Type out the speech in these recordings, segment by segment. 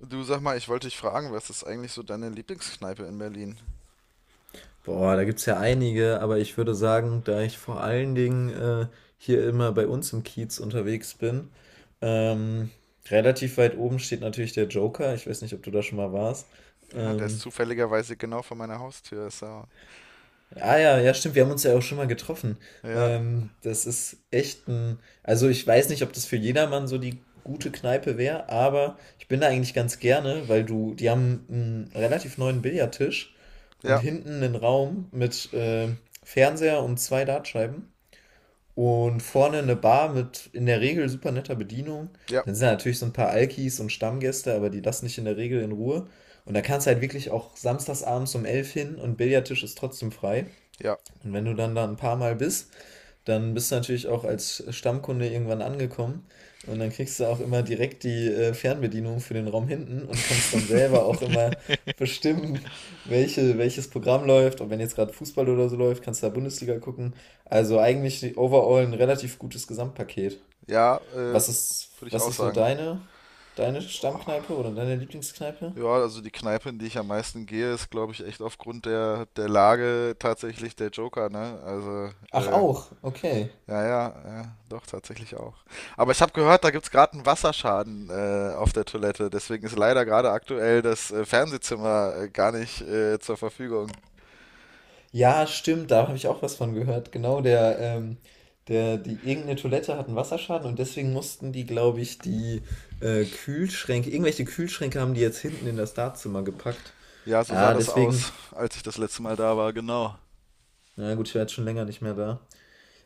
Du, sag mal, ich wollte dich fragen, was ist eigentlich so deine Lieblingskneipe in Berlin? Boah, da gibt's ja einige, aber ich würde sagen, da ich vor allen Dingen hier immer bei uns im Kiez unterwegs bin, ähm, relativ weit oben steht natürlich der Joker. Ich weiß nicht, ob du da schon mal warst. Ja, der ist Ähm, zufälligerweise genau vor meiner Haustür. Ist ja, Ah ja, ja, stimmt, wir haben uns ja auch schon mal getroffen. ja, Das ist echt also ich weiß nicht, ob das für jedermann so die gute Kneipe wäre, aber ich bin da eigentlich ganz gerne, die haben einen relativ neuen Billardtisch und ja, hinten einen Raum mit Fernseher und zwei Dartscheiben und vorne eine Bar mit in der Regel super netter Bedienung. ja, Dann sind da natürlich so ein paar Alkis und Stammgäste, aber die lassen dich in der Regel in Ruhe. Und da kannst du halt wirklich auch samstagsabends um 11 hin und Billardtisch ist trotzdem frei. ja, Und wenn du dann da ein paar Mal bist, dann bist du natürlich auch als Stammkunde irgendwann angekommen. Und dann kriegst du auch immer direkt die Fernbedienung für den Raum hinten und kannst dann selber auch immer bestimmen, welches Programm läuft. Und wenn jetzt gerade Fußball oder so läuft, kannst du da Bundesliga gucken. Also eigentlich overall ein relativ gutes Gesamtpaket. ja, Was ist, würde ich was auch ist so sagen. deine Oh, Stammkneipe oder deine Lieblingskneipe? ja, also die Kneipe, in die ich am meisten gehe, ist, glaube ich, echt aufgrund der Lage tatsächlich der Joker, ne? Ach, auch, okay. Ja, ja, ja, doch, tatsächlich auch. Aber ich habe gehört, da gibt's gerade einen Wasserschaden auf der Toilette. Deswegen ist leider gerade aktuell das Fernsehzimmer gar nicht zur Verfügung. Ja, stimmt, da habe ich auch was von gehört. Genau, die irgendeine Toilette hat einen Wasserschaden, und deswegen mussten die, glaube ich, die Kühlschränke, irgendwelche Kühlschränke haben die jetzt hinten in das Dartzimmer gepackt. Ja, so sah Ja, das aus, deswegen, als ich das letzte Mal da war, genau. na gut, ich war jetzt schon länger nicht mehr da.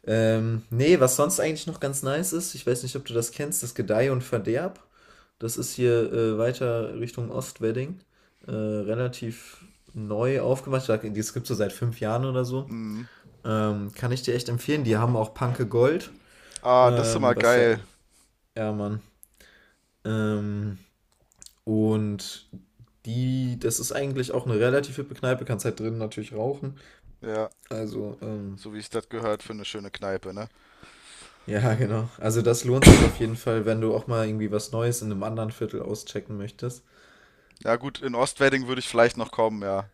Nee, was sonst eigentlich noch ganz nice ist, ich weiß nicht, ob du das kennst, das Gedeih und Verderb. Das ist hier weiter Richtung Ostwedding. Relativ neu aufgemacht. Das gibt es so seit 5 Jahren oder so. Mhm. Kann ich dir echt empfehlen. Die haben auch Panke Gold. Ah, das ist immer Was ja, geil. ja, Mann. Ähm, und das ist eigentlich auch eine relativ hippe Kneipe, kannst halt drinnen natürlich rauchen. Ja, Also, so wie ich das gehört, für eine schöne Kneipe, ne? ja, genau. Also das lohnt sich auf jeden Fall, wenn du auch mal irgendwie was Neues in einem anderen Viertel auschecken möchtest. Ja, gut, in Ostwedding würde ich vielleicht noch kommen, ja.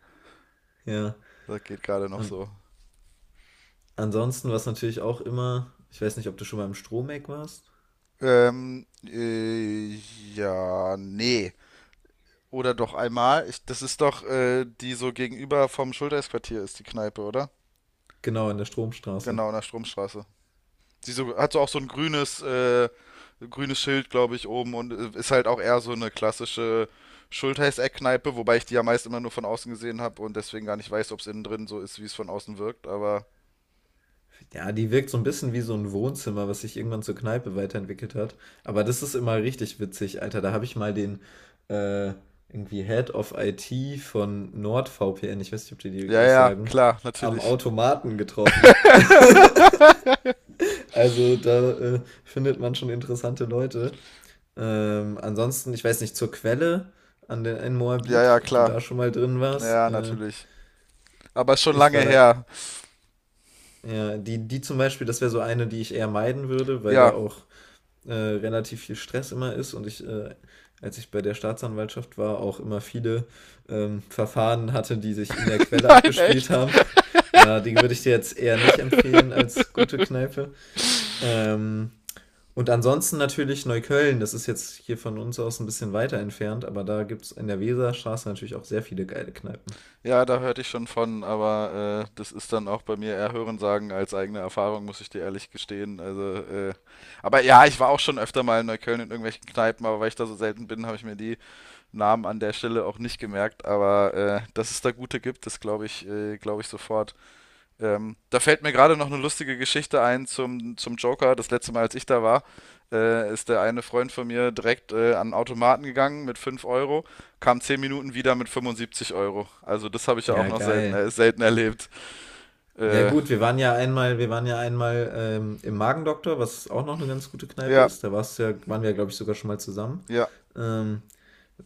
Ja. Das geht gerade noch An so. ansonsten, was natürlich auch immer, ich weiß nicht, ob du schon mal im Stromeck warst. Ähm, äh, ja, nee. Oder doch einmal. Das ist doch, die so gegenüber vom Schultersquartier ist, die Kneipe, oder? Genau, in der Stromstraße. Genau, in der Stromstraße. Sie so, hat so auch so ein grünes, grünes Schild, glaube ich, oben und ist halt auch eher so eine klassische Schultheiß-Eckkneipe, wobei ich die ja meist immer nur von außen gesehen habe und deswegen gar nicht weiß, ob es innen drin so ist, wie es von außen wirkt. Aber Ja, die wirkt so ein bisschen wie so ein Wohnzimmer, was sich irgendwann zur Kneipe weiterentwickelt hat. Aber das ist immer richtig witzig, Alter. Da habe ich mal den äh, irgendwie Head of IT von NordVPN, ich weiß nicht, ob die ja, dir was ja, sagen, klar, am natürlich. Automaten getroffen. Also da findet man schon interessante Leute. Ansonsten, ich weiß nicht, zur Quelle an den in Ja, Moabit, ja, ob du klar. da schon mal drin Ja, warst. ja, Äh, natürlich. Aber schon ich lange war da, her. ja, die zum Beispiel, das wäre so eine, die ich eher meiden würde, weil da Ja. auch relativ viel Stress immer ist, und als ich bei der Staatsanwaltschaft war, auch immer viele Verfahren hatte, die sich in der Quelle Nein, abgespielt echt. haben. Ja, die würde ich dir jetzt eher nicht empfehlen als gute Kneipe. Ähm, und ansonsten natürlich Neukölln, das ist jetzt hier von uns aus ein bisschen weiter entfernt, aber da gibt es in der Weserstraße natürlich auch sehr viele geile Kneipen. Ja, da hörte ich schon von, aber das ist dann auch bei mir eher Hörensagen als eigene Erfahrung, muss ich dir ehrlich gestehen. Aber ja, ich war auch schon öfter mal in Neukölln in irgendwelchen Kneipen, aber weil ich da so selten bin, habe ich mir die Namen an der Stelle auch nicht gemerkt. Aber dass es da gute gibt, das glaube ich sofort. Da fällt mir gerade noch eine lustige Geschichte ein zum Joker. Das letzte Mal, als ich da war, ist der eine Freund von mir direkt an den Automaten gegangen mit 5 Euro, kam 10 Minuten wieder mit 75 Euro. Also das habe ich ja auch Ja, noch selten, geil. Selten erlebt. Ja Äh, gut, wir waren ja einmal im Magendoktor, was auch noch eine ganz gute Kneipe ja, ist. Da warst du ja, waren wir ja, glaube ich, sogar schon mal zusammen. ja, Ähm,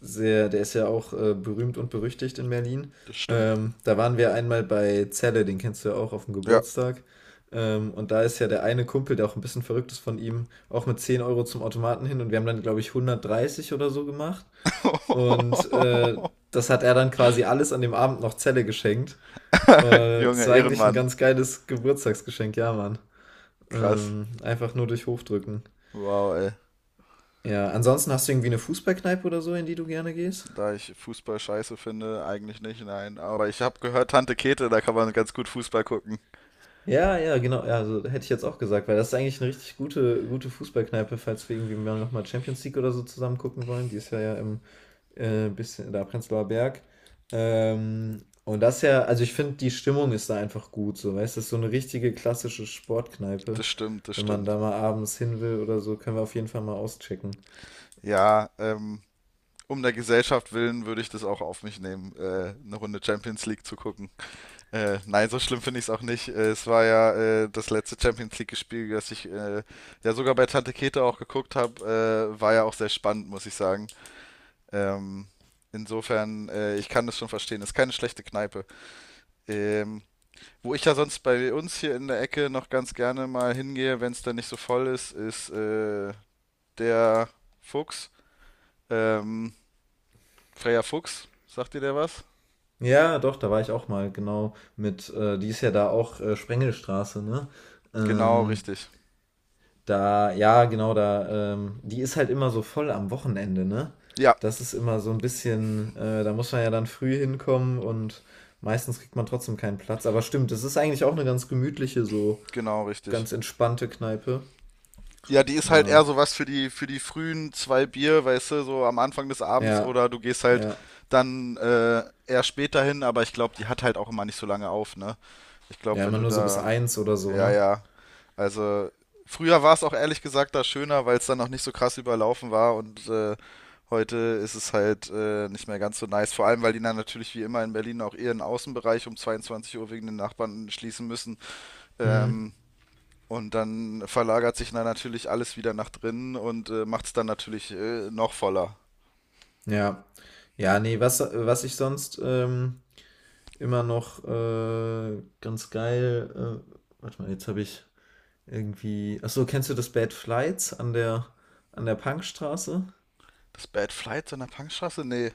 sehr, der ist ja auch berühmt und berüchtigt in Berlin. das stimmt. Da waren wir einmal bei Zelle, den kennst du ja auch auf dem Ja. Geburtstag. Und da ist ja der eine Kumpel, der auch ein bisschen verrückt ist, von ihm, auch mit 10 Euro zum Automaten hin, und wir haben dann, glaube ich, 130 oder so gemacht. Und das hat er dann quasi alles an dem Abend noch Zelle geschenkt. Das Junge, war eigentlich ein Ehrenmann. ganz geiles Geburtstagsgeschenk, ja, Mann. Krass. Einfach nur durch Hochdrücken. Wow, ey. Ja, ansonsten hast du irgendwie eine Fußballkneipe oder so, in die du gerne gehst? Da ich Fußball scheiße finde, eigentlich nicht, nein. Aber ich habe gehört, Tante Käthe, da kann man ganz gut Fußball gucken. Ja, ja, genau. Ja, also hätte ich jetzt auch gesagt, weil das ist eigentlich eine richtig gute, gute Fußballkneipe, falls wir irgendwie mal nochmal Champions League oder so zusammen gucken wollen. Die ist ja, im bisschen da Prenzlauer Berg. Und das ist ja, also ich finde, die Stimmung ist da einfach gut, so, weißt du, das ist so eine richtige klassische Sportkneipe. Das stimmt, das Wenn man stimmt. da mal abends hin will oder so, können wir auf jeden Fall mal auschecken. Ja, um der Gesellschaft willen würde ich das auch auf mich nehmen, eine Runde Champions League zu gucken. Nein, so schlimm finde ich es auch nicht. Es war ja das letzte Champions League-Spiel, das ich ja sogar bei Tante Käthe auch geguckt habe. War ja auch sehr spannend, muss ich sagen. Ähm, insofern, ich kann das schon verstehen. Ist keine schlechte Kneipe. Ähm, wo ich ja sonst bei uns hier in der Ecke noch ganz gerne mal hingehe, wenn es dann nicht so voll ist, ist der Fuchs. Ähm, Freya Fuchs, sagt dir der was? Ja, doch, da war ich auch mal, genau, die ist ja da auch Sprengelstraße, ne? Genau, Ähm, richtig. ja, genau, die ist halt immer so voll am Wochenende, ne? Ja, Das ist immer so ein bisschen, da muss man ja dann früh hinkommen, und meistens kriegt man trotzdem keinen Platz. Aber stimmt, das ist eigentlich auch eine ganz gemütliche, so genau, richtig. ganz entspannte Kneipe. Ja, die ist halt eher Ja, sowas für für die frühen 2 Bier, weißt du, so am Anfang des Abends ja, oder du gehst halt ja. dann eher später hin, aber ich glaube, die hat halt auch immer nicht so lange auf, ne? Ich glaube, Ja, wenn immer du nur so bis da, 1 oder so, ja, ne? ja, also früher war es auch ehrlich gesagt da schöner, weil es dann noch nicht so krass überlaufen war und heute ist es halt nicht mehr ganz so nice, vor allem, weil die dann natürlich wie immer in Berlin auch ihren Außenbereich um 22 Uhr wegen den Nachbarn schließen müssen. Hm, Ähm, und dann verlagert sich dann natürlich alles wieder nach drinnen und macht es dann natürlich noch voller. ja. Ja, nee, was ich sonst immer noch ganz geil. Warte mal, jetzt habe ich irgendwie. Achso, kennst du das Bad Flights an der Punkstraße? Das Bad Flight so in der Punkstraße? Nee.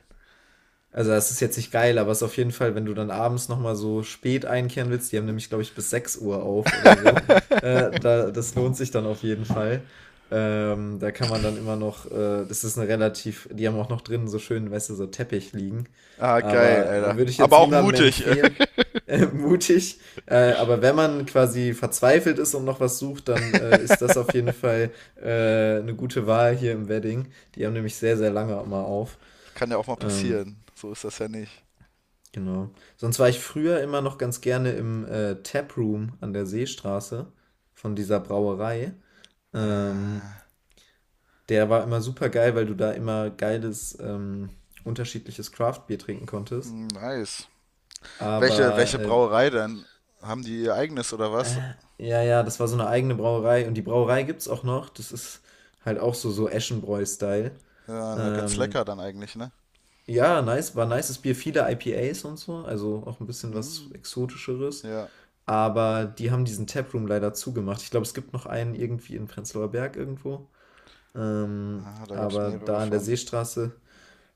Also das ist jetzt nicht geil, aber es ist auf jeden Fall, wenn du dann abends nochmal so spät einkehren willst, die haben nämlich, glaube ich, bis 6 Uhr auf oder so, das lohnt sich dann auf jeden Fall. Da kann man dann immer noch, das ist eine relativ, die haben auch noch drinnen so schön, weißt du, so Teppich liegen. Ah, geil, Aber Alter. würde ich Aber jetzt auch niemandem mutig. empfehlen, mutig. Aber wenn man quasi verzweifelt ist und noch was sucht, dann ist das auf jeden Fall eine gute Wahl hier im Wedding. Die haben nämlich sehr, sehr lange immer auf. Kann ja auch mal Ähm, passieren. So ist das ja nicht. Genau Sonst war ich früher immer noch ganz gerne im Taproom an der Seestraße von dieser Brauerei. Äh, Ähm, der war immer super geil, weil du da immer geiles, unterschiedliches Craft-Bier trinken konntest. hm, nice. Aber Welche Brauerei denn? Haben die ihr eigenes oder was? Ja, ja, das war so eine eigene Brauerei. Und die Brauerei gibt's auch noch. Das ist halt auch so, so Eschenbräu-Style. Ja, ganz Ähm, lecker dann eigentlich, ne? ja, nice, war nices Bier, viele IPAs und so, also auch ein bisschen was Mhm. Exotischeres. Ja. Aber die haben diesen Taproom leider zugemacht. Ich glaube, es gibt noch einen irgendwie in Prenzlauer Berg irgendwo. Ähm, Ah, da gab es aber mehrere da an der von. Seestraße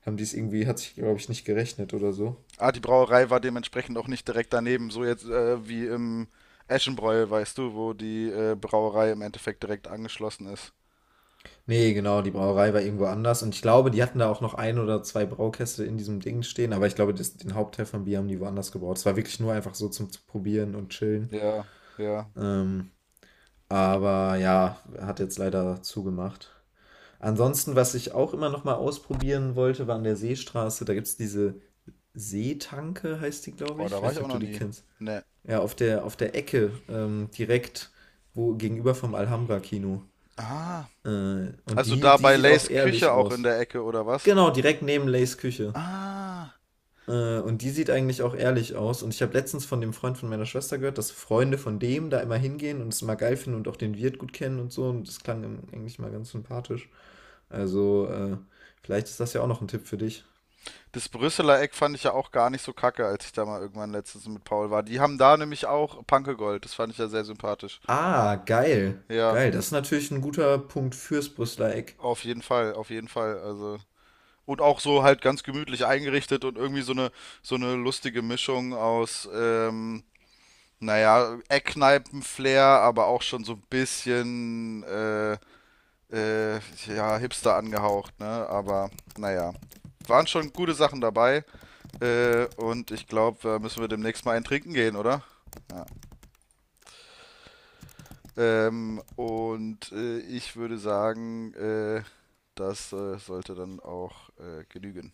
haben die es irgendwie, hat sich, glaube ich, nicht gerechnet oder so. Ah, die Brauerei war dementsprechend auch nicht direkt daneben, so jetzt wie im Eschenbräu, weißt du, wo die Brauerei im Endeffekt direkt angeschlossen ist. Nee, genau, die Brauerei war irgendwo anders. Und ich glaube, die hatten da auch noch ein oder zwei Braukäste in diesem Ding stehen. Aber ich glaube, den Hauptteil von Bier haben die woanders gebraut. Es war wirklich nur einfach so zum Probieren und Chillen. Ja, ja. Ähm, aber ja, hat jetzt leider zugemacht. Ansonsten, was ich auch immer noch mal ausprobieren wollte, war an der Seestraße. Da gibt es diese Seetanke, heißt die, glaube Oh, ich. da Ich weiß war ich nicht, auch ob du noch die nie. kennst. Ne. Ja, auf der Ecke, direkt gegenüber vom Alhambra-Kino. Ah, Und also die, da die bei sieht auch Lays Küche ehrlich auch in aus. der Ecke, oder was? Genau, direkt neben Lays Küche. Ah, Und die sieht eigentlich auch ehrlich aus. Und ich habe letztens von dem Freund von meiner Schwester gehört, dass Freunde von dem da immer hingehen und es mal geil finden und auch den Wirt gut kennen und so. Und das klang ihm eigentlich mal ganz sympathisch. Also, vielleicht ist das ja auch noch ein Tipp für dich. das Brüsseler Eck fand ich ja auch gar nicht so kacke, als ich da mal irgendwann letztens mit Paul war. Die haben da nämlich auch Panke Gold, das fand ich ja sehr sympathisch. Ah, geil. Ja, Geil, das ist natürlich ein guter Punkt fürs Brüsseler Eck. Auf jeden Fall, also. Und auch so halt ganz gemütlich eingerichtet und irgendwie so eine lustige Mischung aus, naja, Eckkneipen-Flair, aber auch schon so ein bisschen, äh, ja, Hipster angehaucht, ne? Aber naja, waren schon gute Sachen dabei. Und ich glaube, da müssen wir demnächst mal einen trinken gehen, oder? Ja. Und ich würde sagen, das sollte dann auch genügen.